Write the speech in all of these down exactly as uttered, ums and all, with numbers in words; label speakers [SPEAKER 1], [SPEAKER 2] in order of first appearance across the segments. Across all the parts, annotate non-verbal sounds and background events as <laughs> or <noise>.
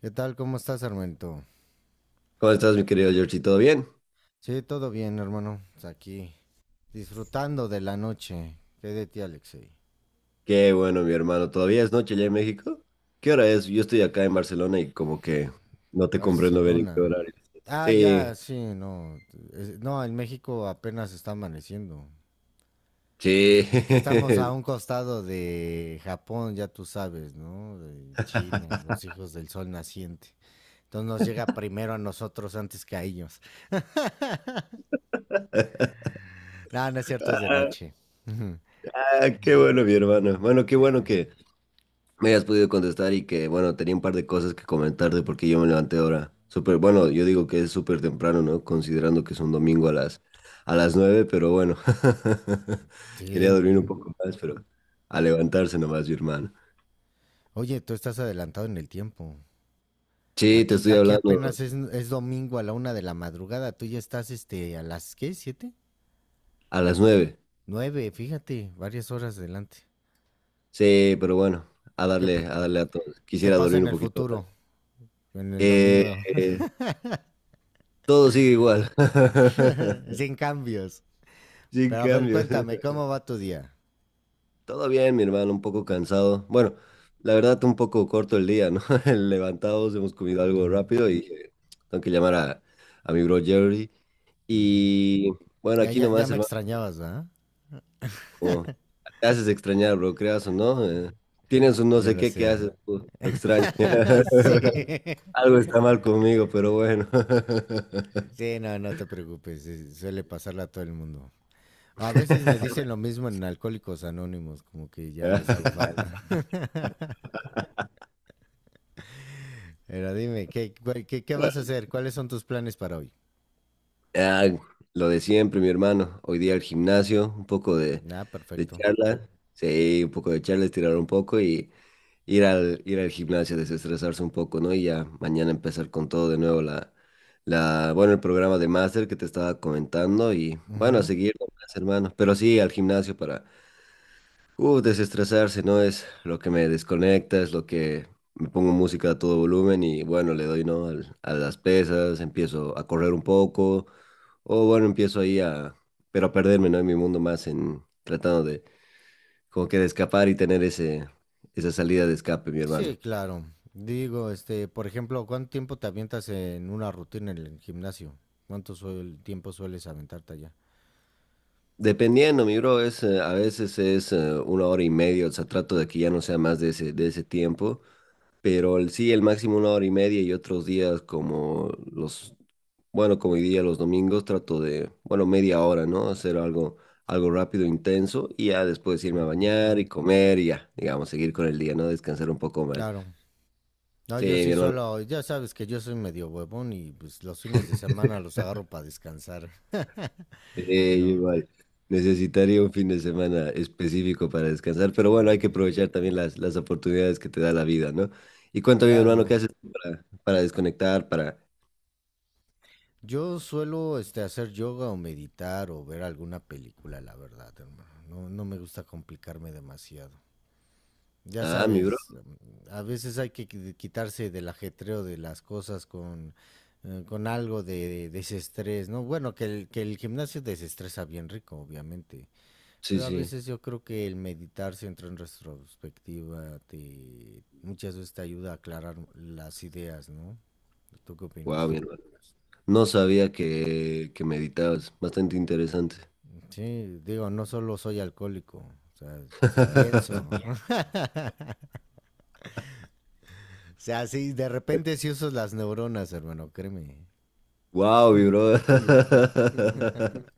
[SPEAKER 1] ¿Qué tal? ¿Cómo estás, Armento?
[SPEAKER 2] ¿Cómo estás, mi querido Georgie? ¿Todo bien?
[SPEAKER 1] Sí, todo bien, hermano. Aquí, disfrutando de la noche. ¿Qué de ti, Alexei?
[SPEAKER 2] Qué bueno, mi hermano. ¿Todavía es noche allá en México? ¿Qué hora es? Yo estoy acá en Barcelona y como que no te comprendo bien en qué
[SPEAKER 1] Barcelona.
[SPEAKER 2] horario es.
[SPEAKER 1] Ah,
[SPEAKER 2] Sí,
[SPEAKER 1] ya, sí, no. Es- No, en México apenas está amaneciendo.
[SPEAKER 2] sí.
[SPEAKER 1] Es que estamos a un costado de Japón, ya tú sabes, ¿no? De China, los
[SPEAKER 2] <laughs>
[SPEAKER 1] hijos del sol naciente. Entonces nos llega primero a nosotros antes que a ellos. <laughs> No, no es cierto, es de noche.
[SPEAKER 2] Ah, qué bueno, mi hermano. Bueno, qué bueno
[SPEAKER 1] Eh,
[SPEAKER 2] que me hayas podido contestar y que, bueno, tenía un par de cosas que comentarte porque yo me levanté ahora. Súper, bueno, yo digo que es súper temprano, ¿no? Considerando que es un domingo a las, a las, nueve, pero bueno. <laughs> Quería dormir un
[SPEAKER 1] sí.
[SPEAKER 2] poco más, pero a levantarse nomás, mi hermano.
[SPEAKER 1] Oye, tú estás adelantado en el tiempo.
[SPEAKER 2] Sí, te
[SPEAKER 1] Aquí,
[SPEAKER 2] estoy
[SPEAKER 1] aquí
[SPEAKER 2] hablando
[SPEAKER 1] apenas es, es domingo a la una de la madrugada. Tú ya estás este, a las, ¿qué? ¿Siete?
[SPEAKER 2] a las nueve.
[SPEAKER 1] Nueve, fíjate, varias horas adelante.
[SPEAKER 2] Sí, pero bueno, a
[SPEAKER 1] ¿Qué,
[SPEAKER 2] darle, a darle a todos.
[SPEAKER 1] qué
[SPEAKER 2] Quisiera
[SPEAKER 1] pasa
[SPEAKER 2] dormir
[SPEAKER 1] en
[SPEAKER 2] un
[SPEAKER 1] el
[SPEAKER 2] poquito más.
[SPEAKER 1] futuro? En el
[SPEAKER 2] Eh,
[SPEAKER 1] domingo.
[SPEAKER 2] eh, Todo sigue igual.
[SPEAKER 1] <laughs>
[SPEAKER 2] <laughs>
[SPEAKER 1] Sin cambios.
[SPEAKER 2] Sin
[SPEAKER 1] Pero a ver,
[SPEAKER 2] cambios.
[SPEAKER 1] cuéntame, ¿cómo va tu día?
[SPEAKER 2] Todo bien, mi hermano, un poco cansado. Bueno, la verdad, un poco corto el día, ¿no? <laughs> El levantados, hemos comido algo
[SPEAKER 1] Ujú.
[SPEAKER 2] rápido y eh, tengo que llamar a, a, mi bro Jerry. Y bueno,
[SPEAKER 1] Ya,
[SPEAKER 2] aquí
[SPEAKER 1] ya, ya
[SPEAKER 2] nomás,
[SPEAKER 1] me
[SPEAKER 2] hermano,
[SPEAKER 1] extrañabas, ¿verdad?
[SPEAKER 2] como te haces extrañar, bro, creas o no. Eh, tienes un no
[SPEAKER 1] Ya
[SPEAKER 2] sé
[SPEAKER 1] lo
[SPEAKER 2] qué que
[SPEAKER 1] sé.
[SPEAKER 2] haces, pues, lo extraño.
[SPEAKER 1] <laughs> sí.
[SPEAKER 2] <laughs> Algo está mal conmigo, pero bueno.
[SPEAKER 1] Sí, no, no te preocupes. eh, Suele pasarle a todo el mundo. A veces me dicen lo mismo en Alcohólicos Anónimos, como que ya les hago falta.
[SPEAKER 2] <laughs>
[SPEAKER 1] Pero dime, ¿qué, qué, qué vas a hacer? ¿Cuáles son tus planes para hoy?
[SPEAKER 2] Ah, lo de siempre, mi hermano. Hoy día al gimnasio, un poco de,
[SPEAKER 1] Ah,
[SPEAKER 2] de
[SPEAKER 1] perfecto.
[SPEAKER 2] charla. Sí, un poco de charla, estirar un poco y ir al, ir al gimnasio, desestresarse un poco, ¿no? Y ya mañana empezar con todo de nuevo la, la, bueno, el programa de máster que te estaba comentando y bueno, a
[SPEAKER 1] Ujú.
[SPEAKER 2] seguir nomás, hermano. Pero sí, al gimnasio para, uh, desestresarse, ¿no? Es lo que me desconecta, es lo que me pongo música a todo volumen y bueno, le doy, ¿no? Al- a las pesas, empiezo a correr un poco o bueno, empiezo ahí a, pero a perderme, ¿no? En mi mundo más, en tratando de, como que de escapar y tener ese, esa salida de escape, mi
[SPEAKER 1] Sí,
[SPEAKER 2] hermano.
[SPEAKER 1] claro. Digo, este, por ejemplo, ¿cuánto tiempo te avientas en una rutina en el gimnasio? ¿Cuánto suel- tiempo sueles aventarte allá?
[SPEAKER 2] Dependiendo, mi bro, es, eh, a veces es eh, una hora y media, o sea, trato de que ya no sea más de ese, de ese, tiempo, pero el, sí, el máximo una hora y media y otros días como los, bueno, como hoy día los domingos, trato de, bueno, media hora, ¿no? Hacer algo, algo rápido, intenso, y ya después irme a
[SPEAKER 1] Ujú.
[SPEAKER 2] bañar y comer y ya, digamos, seguir con el día, ¿no? Descansar un poco más.
[SPEAKER 1] Claro. No,
[SPEAKER 2] Sí,
[SPEAKER 1] yo
[SPEAKER 2] mi
[SPEAKER 1] sí
[SPEAKER 2] hermano.
[SPEAKER 1] suelo, ya sabes que yo soy medio huevón y pues los fines de semana los agarro para descansar. <laughs>
[SPEAKER 2] Eh,
[SPEAKER 1] No,
[SPEAKER 2] igual. Necesitaría un fin de semana específico para descansar, pero bueno, hay que
[SPEAKER 1] sí.
[SPEAKER 2] aprovechar también las, las, oportunidades que te da la vida, ¿no? Y cuéntame, mi hermano, ¿qué
[SPEAKER 1] Claro.
[SPEAKER 2] haces tú para, para, desconectar, para...
[SPEAKER 1] Yo suelo este, hacer yoga o meditar o ver alguna película, la verdad, hermano. No, no me gusta complicarme demasiado. Ya
[SPEAKER 2] Ah, mi bro.
[SPEAKER 1] sabes, mm, a veces hay que qui- quitarse del ajetreo de las cosas con, eh, con algo de desestrés, ¿no? Bueno, que el, que el gimnasio desestresa bien rico, obviamente.
[SPEAKER 2] Sí,
[SPEAKER 1] Pero a
[SPEAKER 2] sí.
[SPEAKER 1] veces yo creo que el meditar, si entra en retrospectiva, te, muchas veces te ayuda a aclarar las ideas, ¿no? ¿Tú qué
[SPEAKER 2] Wow,
[SPEAKER 1] opinas?
[SPEAKER 2] mi hermano. No sabía que, que meditabas. Bastante interesante.
[SPEAKER 1] Sí, digo, no solo soy alcohólico, o sea, si pienso. <laughs>
[SPEAKER 2] <laughs>
[SPEAKER 1] O sea, sí, de repente sí uso las neuronas, hermano, créeme.
[SPEAKER 2] Wow, mi bro. <laughs>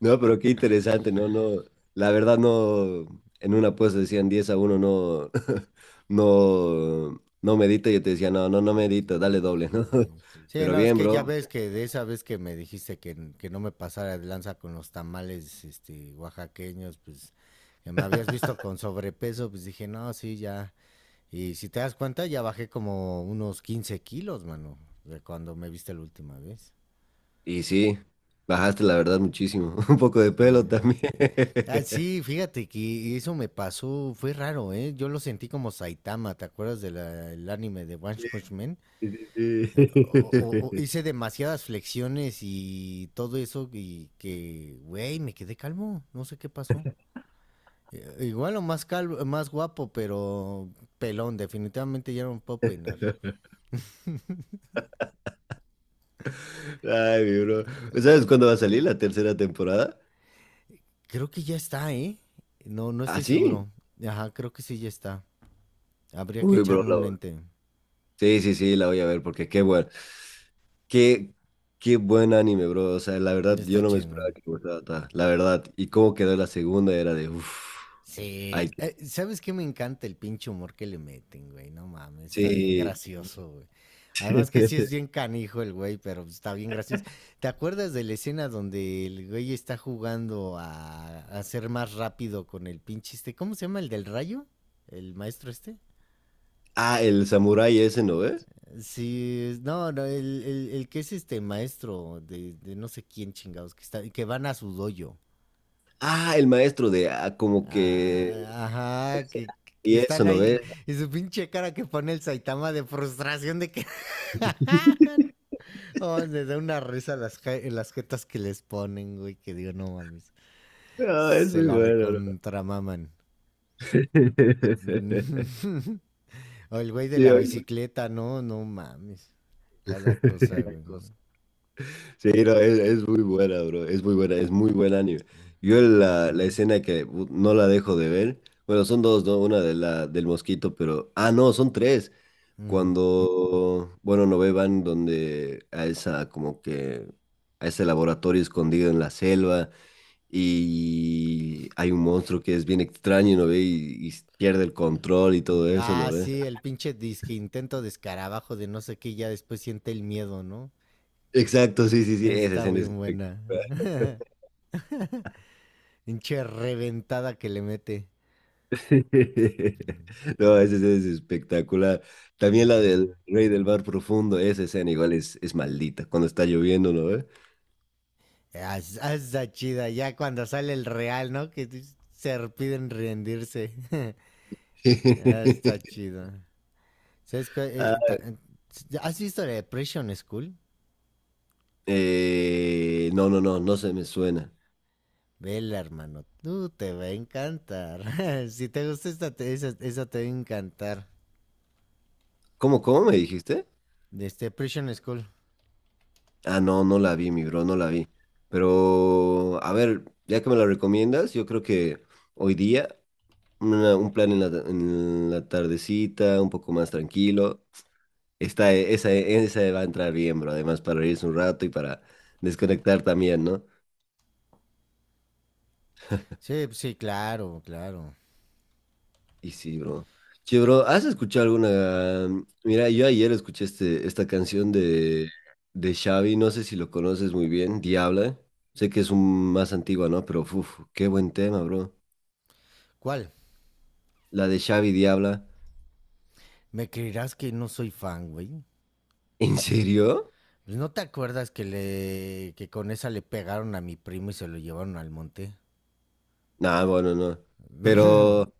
[SPEAKER 2] No, pero qué interesante, no, no. La verdad no, en una apuesta decían diez a uno. No, <laughs> no, no medita. Yo te decía, no, no, no medita, dale doble, ¿no?
[SPEAKER 1] Sí.
[SPEAKER 2] <laughs>
[SPEAKER 1] Sí,
[SPEAKER 2] Pero
[SPEAKER 1] no, es
[SPEAKER 2] bien,
[SPEAKER 1] que ya
[SPEAKER 2] bro.
[SPEAKER 1] ves que de esa vez que me dijiste que, que no me pasara de lanza con los tamales este, oaxaqueños, pues que me habías visto con sobrepeso, pues dije, no, sí, ya. Y si te das cuenta, ya bajé como unos quince kilos, mano, de cuando me viste la última vez.
[SPEAKER 2] Y sí, bajaste la verdad muchísimo. <laughs> Un poco de pelo
[SPEAKER 1] Sí.
[SPEAKER 2] también.
[SPEAKER 1] Ah, sí,
[SPEAKER 2] <laughs>
[SPEAKER 1] fíjate que eso me pasó, fue raro, ¿eh? Yo lo sentí como Saitama, ¿te acuerdas del anime de One Punch Man?
[SPEAKER 2] Sí,
[SPEAKER 1] Eh, o-
[SPEAKER 2] sí,
[SPEAKER 1] o- o
[SPEAKER 2] sí.
[SPEAKER 1] hice demasiadas flexiones y todo eso y que, güey, me quedé calmo, no sé qué pasó. Eh, igual o más calvo, más guapo, pero pelón, definitivamente ya no me puedo peinar.
[SPEAKER 2] <laughs> Ay, mi bro. ¿Sabes cuándo va a salir la tercera temporada?
[SPEAKER 1] Creo que ya está, ¿eh? No, no
[SPEAKER 2] ¿Ah,
[SPEAKER 1] estoy
[SPEAKER 2] sí?
[SPEAKER 1] seguro. Ajá, creo que sí ya está. Habría que
[SPEAKER 2] Uy, bro,
[SPEAKER 1] echarle un
[SPEAKER 2] la-
[SPEAKER 1] lente.
[SPEAKER 2] sí, sí, sí, la voy a ver porque qué bueno. Qué, qué buen anime, bro. O sea, la verdad,
[SPEAKER 1] Ya está
[SPEAKER 2] yo no me
[SPEAKER 1] chido.
[SPEAKER 2] esperaba que me gustara ta- la verdad. Y cómo quedó la segunda era de uff. Ay,
[SPEAKER 1] Sí, eh, ¿sabes qué? Me encanta el pinche humor que le meten, güey. No mames, está bien
[SPEAKER 2] sí.
[SPEAKER 1] gracioso, güey. Además que sí es
[SPEAKER 2] <laughs>
[SPEAKER 1] bien canijo el güey, pero está bien gracioso. ¿Te acuerdas de la escena donde el güey está jugando a, a ser más rápido con el pinche este? ¿Cómo se llama? ¿El del rayo? ¿El maestro este?
[SPEAKER 2] Ah, el samurái ese, ¿no ves?
[SPEAKER 1] Sí, es- no, no, el, el- el que es este maestro de, de no sé quién chingados, que, está, que van a su dojo.
[SPEAKER 2] Ah, el maestro de ah, como que.
[SPEAKER 1] Ah, ajá, que, que
[SPEAKER 2] Y eso,
[SPEAKER 1] están
[SPEAKER 2] ¿no
[SPEAKER 1] ahí.
[SPEAKER 2] ves?
[SPEAKER 1] Y su pinche cara que pone el Saitama de frustración de que. <laughs> Oh, me da una risa las, ja- las jetas que les ponen, güey. Que digo, no mames.
[SPEAKER 2] Ah, es
[SPEAKER 1] Se
[SPEAKER 2] muy
[SPEAKER 1] la
[SPEAKER 2] bueno, bro.
[SPEAKER 1] recontramaman.
[SPEAKER 2] <laughs>
[SPEAKER 1] <laughs> O el güey de
[SPEAKER 2] Sí,
[SPEAKER 1] la
[SPEAKER 2] oye.
[SPEAKER 1] bicicleta, no, no mames. Cada cosa, güey.
[SPEAKER 2] <laughs> Sí, no, es, es muy buena, bro. Es muy buena, es muy buen anime.
[SPEAKER 1] Ujú,
[SPEAKER 2] Yo la, la escena que uh, no la dejo de ver. Bueno, son dos, ¿no? Una de la, del mosquito, pero. Ah, no, son tres.
[SPEAKER 1] ujú.
[SPEAKER 2] Cuando, bueno, no van donde a esa, como que, a ese laboratorio escondido en la selva y hay un monstruo que es bien extraño, ¿no ve? Y, y pierde el control y todo eso, ¿no
[SPEAKER 1] Ah,
[SPEAKER 2] ve?
[SPEAKER 1] sí, el pinche disque intento de escarabajo de no sé qué, ya después siente el miedo, ¿no?
[SPEAKER 2] Exacto, sí, sí, sí, esa
[SPEAKER 1] Está
[SPEAKER 2] escena es
[SPEAKER 1] bien buena.
[SPEAKER 2] espectacular.
[SPEAKER 1] <laughs> Hinche reventada que le mete.
[SPEAKER 2] <laughs> No, ese ese es espectacular. También la
[SPEAKER 1] Uh-huh.
[SPEAKER 2] del Rey del Mar Profundo, esa escena igual es, es maldita cuando está lloviendo, ¿no ve?
[SPEAKER 1] Está chida. Ya cuando sale el real, ¿no? Que se piden rendirse. <laughs> Está
[SPEAKER 2] <laughs>
[SPEAKER 1] chido. ¿Sabes qué?
[SPEAKER 2] Ah,
[SPEAKER 1] Eh, ¿Has visto la Depression School?
[SPEAKER 2] eh, no, no, no, no se me suena.
[SPEAKER 1] Vela, hermano. Tú te va a encantar. <laughs> si te gusta esta, te- esa, esa te va a encantar.
[SPEAKER 2] ¿Cómo, cómo me dijiste?
[SPEAKER 1] De este Depression School.
[SPEAKER 2] Ah, no, no la vi, mi bro, no la vi. Pero, a ver, ya que me la recomiendas, yo creo que hoy día una- un plan en la, en la, tardecita, un poco más tranquilo. Está, esa, esa va a entrar bien, bro. Además, para reírse un rato y para desconectar también, ¿no?
[SPEAKER 1] Sí, sí, claro, claro.
[SPEAKER 2] Y sí, bro. Che, bro, ¿has escuchado alguna? Mira, yo ayer escuché este, esta canción de, de Xavi, no sé si lo conoces muy bien, Diabla. Sé que es un más antigua, ¿no? Pero, uff, qué buen tema, bro.
[SPEAKER 1] ¿Cuál?
[SPEAKER 2] La de Xavi Diabla.
[SPEAKER 1] ¿Me creerás que no soy fan, güey?
[SPEAKER 2] <laughs> ¿En serio?
[SPEAKER 1] Pues, ¿no te acuerdas que le que con esa le pegaron a mi primo y se lo llevaron al monte?
[SPEAKER 2] Nah, bueno, no. Pero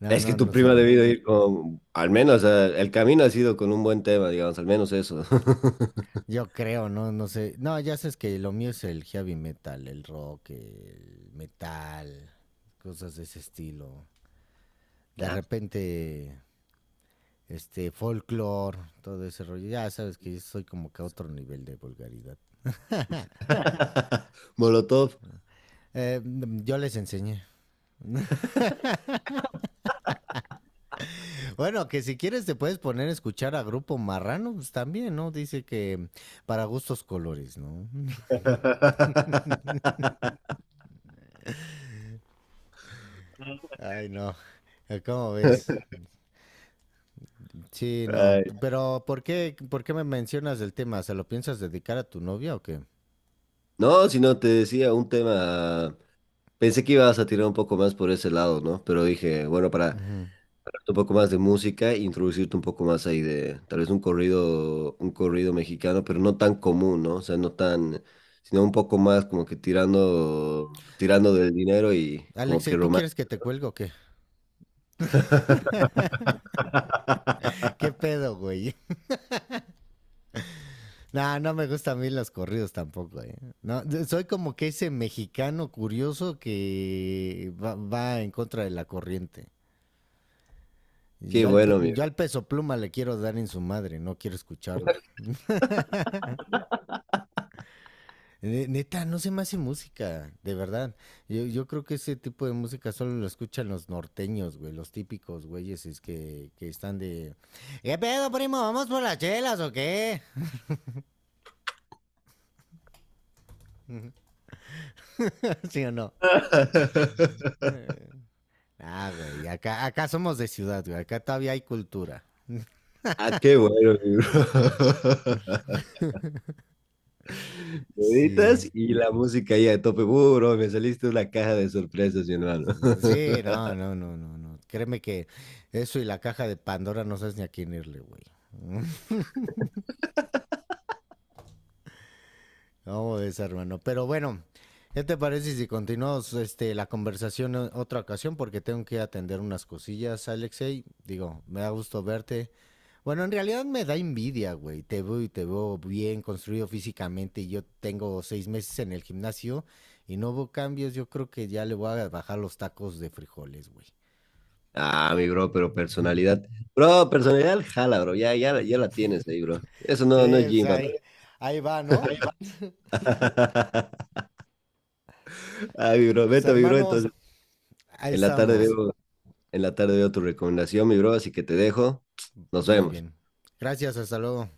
[SPEAKER 1] No,
[SPEAKER 2] es que
[SPEAKER 1] no,
[SPEAKER 2] tu
[SPEAKER 1] no soy
[SPEAKER 2] prima ha
[SPEAKER 1] fan.
[SPEAKER 2] debido ir con, al menos, eh, el camino ha sido con un buen tema, digamos, al menos eso.
[SPEAKER 1] Yo creo, no, no sé. No, ya sabes que lo mío es el heavy metal, el rock, el metal, cosas de ese estilo. De
[SPEAKER 2] <laughs>
[SPEAKER 1] repente, este, folklore, todo ese rollo. Ya sabes que yo soy como que a otro nivel de vulgaridad.
[SPEAKER 2] <laughs> Molotov.
[SPEAKER 1] Eh, yo les enseñé. Bueno, que si quieres te puedes poner a escuchar a Grupo Marrano, pues también, ¿no? Dice que para gustos colores, ¿no?
[SPEAKER 2] <laughs>
[SPEAKER 1] Ay, no. Eh, ¿Cómo ves? Sí, no.
[SPEAKER 2] Ay,
[SPEAKER 1] Pero, ¿por qué, por qué me mencionas el tema? ¿Se lo piensas dedicar a tu novia o qué?
[SPEAKER 2] no, si no, te decía un tema. Pensé que ibas a tirar un poco más por ese lado, ¿no? Pero dije, bueno, para
[SPEAKER 1] Ujú.
[SPEAKER 2] hablarte un poco más de música, introducirte un poco más ahí de tal vez un corrido, un corrido mexicano, pero no tan común, ¿no? O sea, no tan, sino un poco más como que tirando, tirando del dinero y como
[SPEAKER 1] Alexa, ¿y
[SPEAKER 2] que
[SPEAKER 1] tú
[SPEAKER 2] romántico.
[SPEAKER 1] quieres que te cuelgue o qué? <laughs> ¿Qué
[SPEAKER 2] <laughs>
[SPEAKER 1] pedo, güey? <laughs> No, no me gustan a mí los corridos tampoco, ¿eh? No, de- soy como que ese mexicano curioso que va, va en contra de la corriente.
[SPEAKER 2] Qué
[SPEAKER 1] Yo al, pe-
[SPEAKER 2] bueno,
[SPEAKER 1] yo
[SPEAKER 2] amigo.
[SPEAKER 1] al peso pluma le quiero dar en su madre, no quiero escucharlo. Ne- Neta, no se me hace música, de verdad. Yo, yo creo que ese tipo de música solo lo escuchan los norteños, güey, los típicos güeyes es que, que están de... ¿Qué pedo, primo? ¿Vamos por las chelas o qué? <laughs> ¿Sí o no?
[SPEAKER 2] <laughs>
[SPEAKER 1] Eh, Ah, güey, acá, acá somos de ciudad, güey, acá todavía hay cultura.
[SPEAKER 2] Ah, qué bueno, mi bro. <laughs>
[SPEAKER 1] Sí.
[SPEAKER 2] Meditas y la música ahí a tope. Uh, bro, me saliste una caja de sorpresas, mi hermano. <laughs>
[SPEAKER 1] Sí, no, no, no, no, no. Créeme que eso y la caja de Pandora no sabes ni a quién irle, güey. <laughs> No, es hermano. Pero bueno, ¿qué te parece si continuamos este, la conversación en otra ocasión? Porque tengo que atender unas cosillas, Alexei. Digo, me da gusto verte. Bueno, en realidad me da envidia, güey. Te veo y te veo bien construido físicamente. y yo tengo seis meses en el gimnasio y no hubo cambios. Yo creo que ya le voy a bajar los tacos de frijoles, güey.
[SPEAKER 2] Ah, mi bro, pero
[SPEAKER 1] <laughs>
[SPEAKER 2] personalidad. Bro, personalidad jala, bro. Ya, ya, ya la tienes ahí, bro. Eso
[SPEAKER 1] Sí,
[SPEAKER 2] no, no es
[SPEAKER 1] pues
[SPEAKER 2] gym, papá.
[SPEAKER 1] ahí, ahí va, ¿no?
[SPEAKER 2] <laughs> Ah, mi bro,
[SPEAKER 1] Pues
[SPEAKER 2] vete, mi bro.
[SPEAKER 1] hermano,
[SPEAKER 2] Entonces,
[SPEAKER 1] ahí
[SPEAKER 2] en la tarde
[SPEAKER 1] estamos.
[SPEAKER 2] veo, en la tarde veo tu recomendación, mi bro, así que te dejo. Nos
[SPEAKER 1] Muy
[SPEAKER 2] vemos.
[SPEAKER 1] bien. Gracias, hasta luego.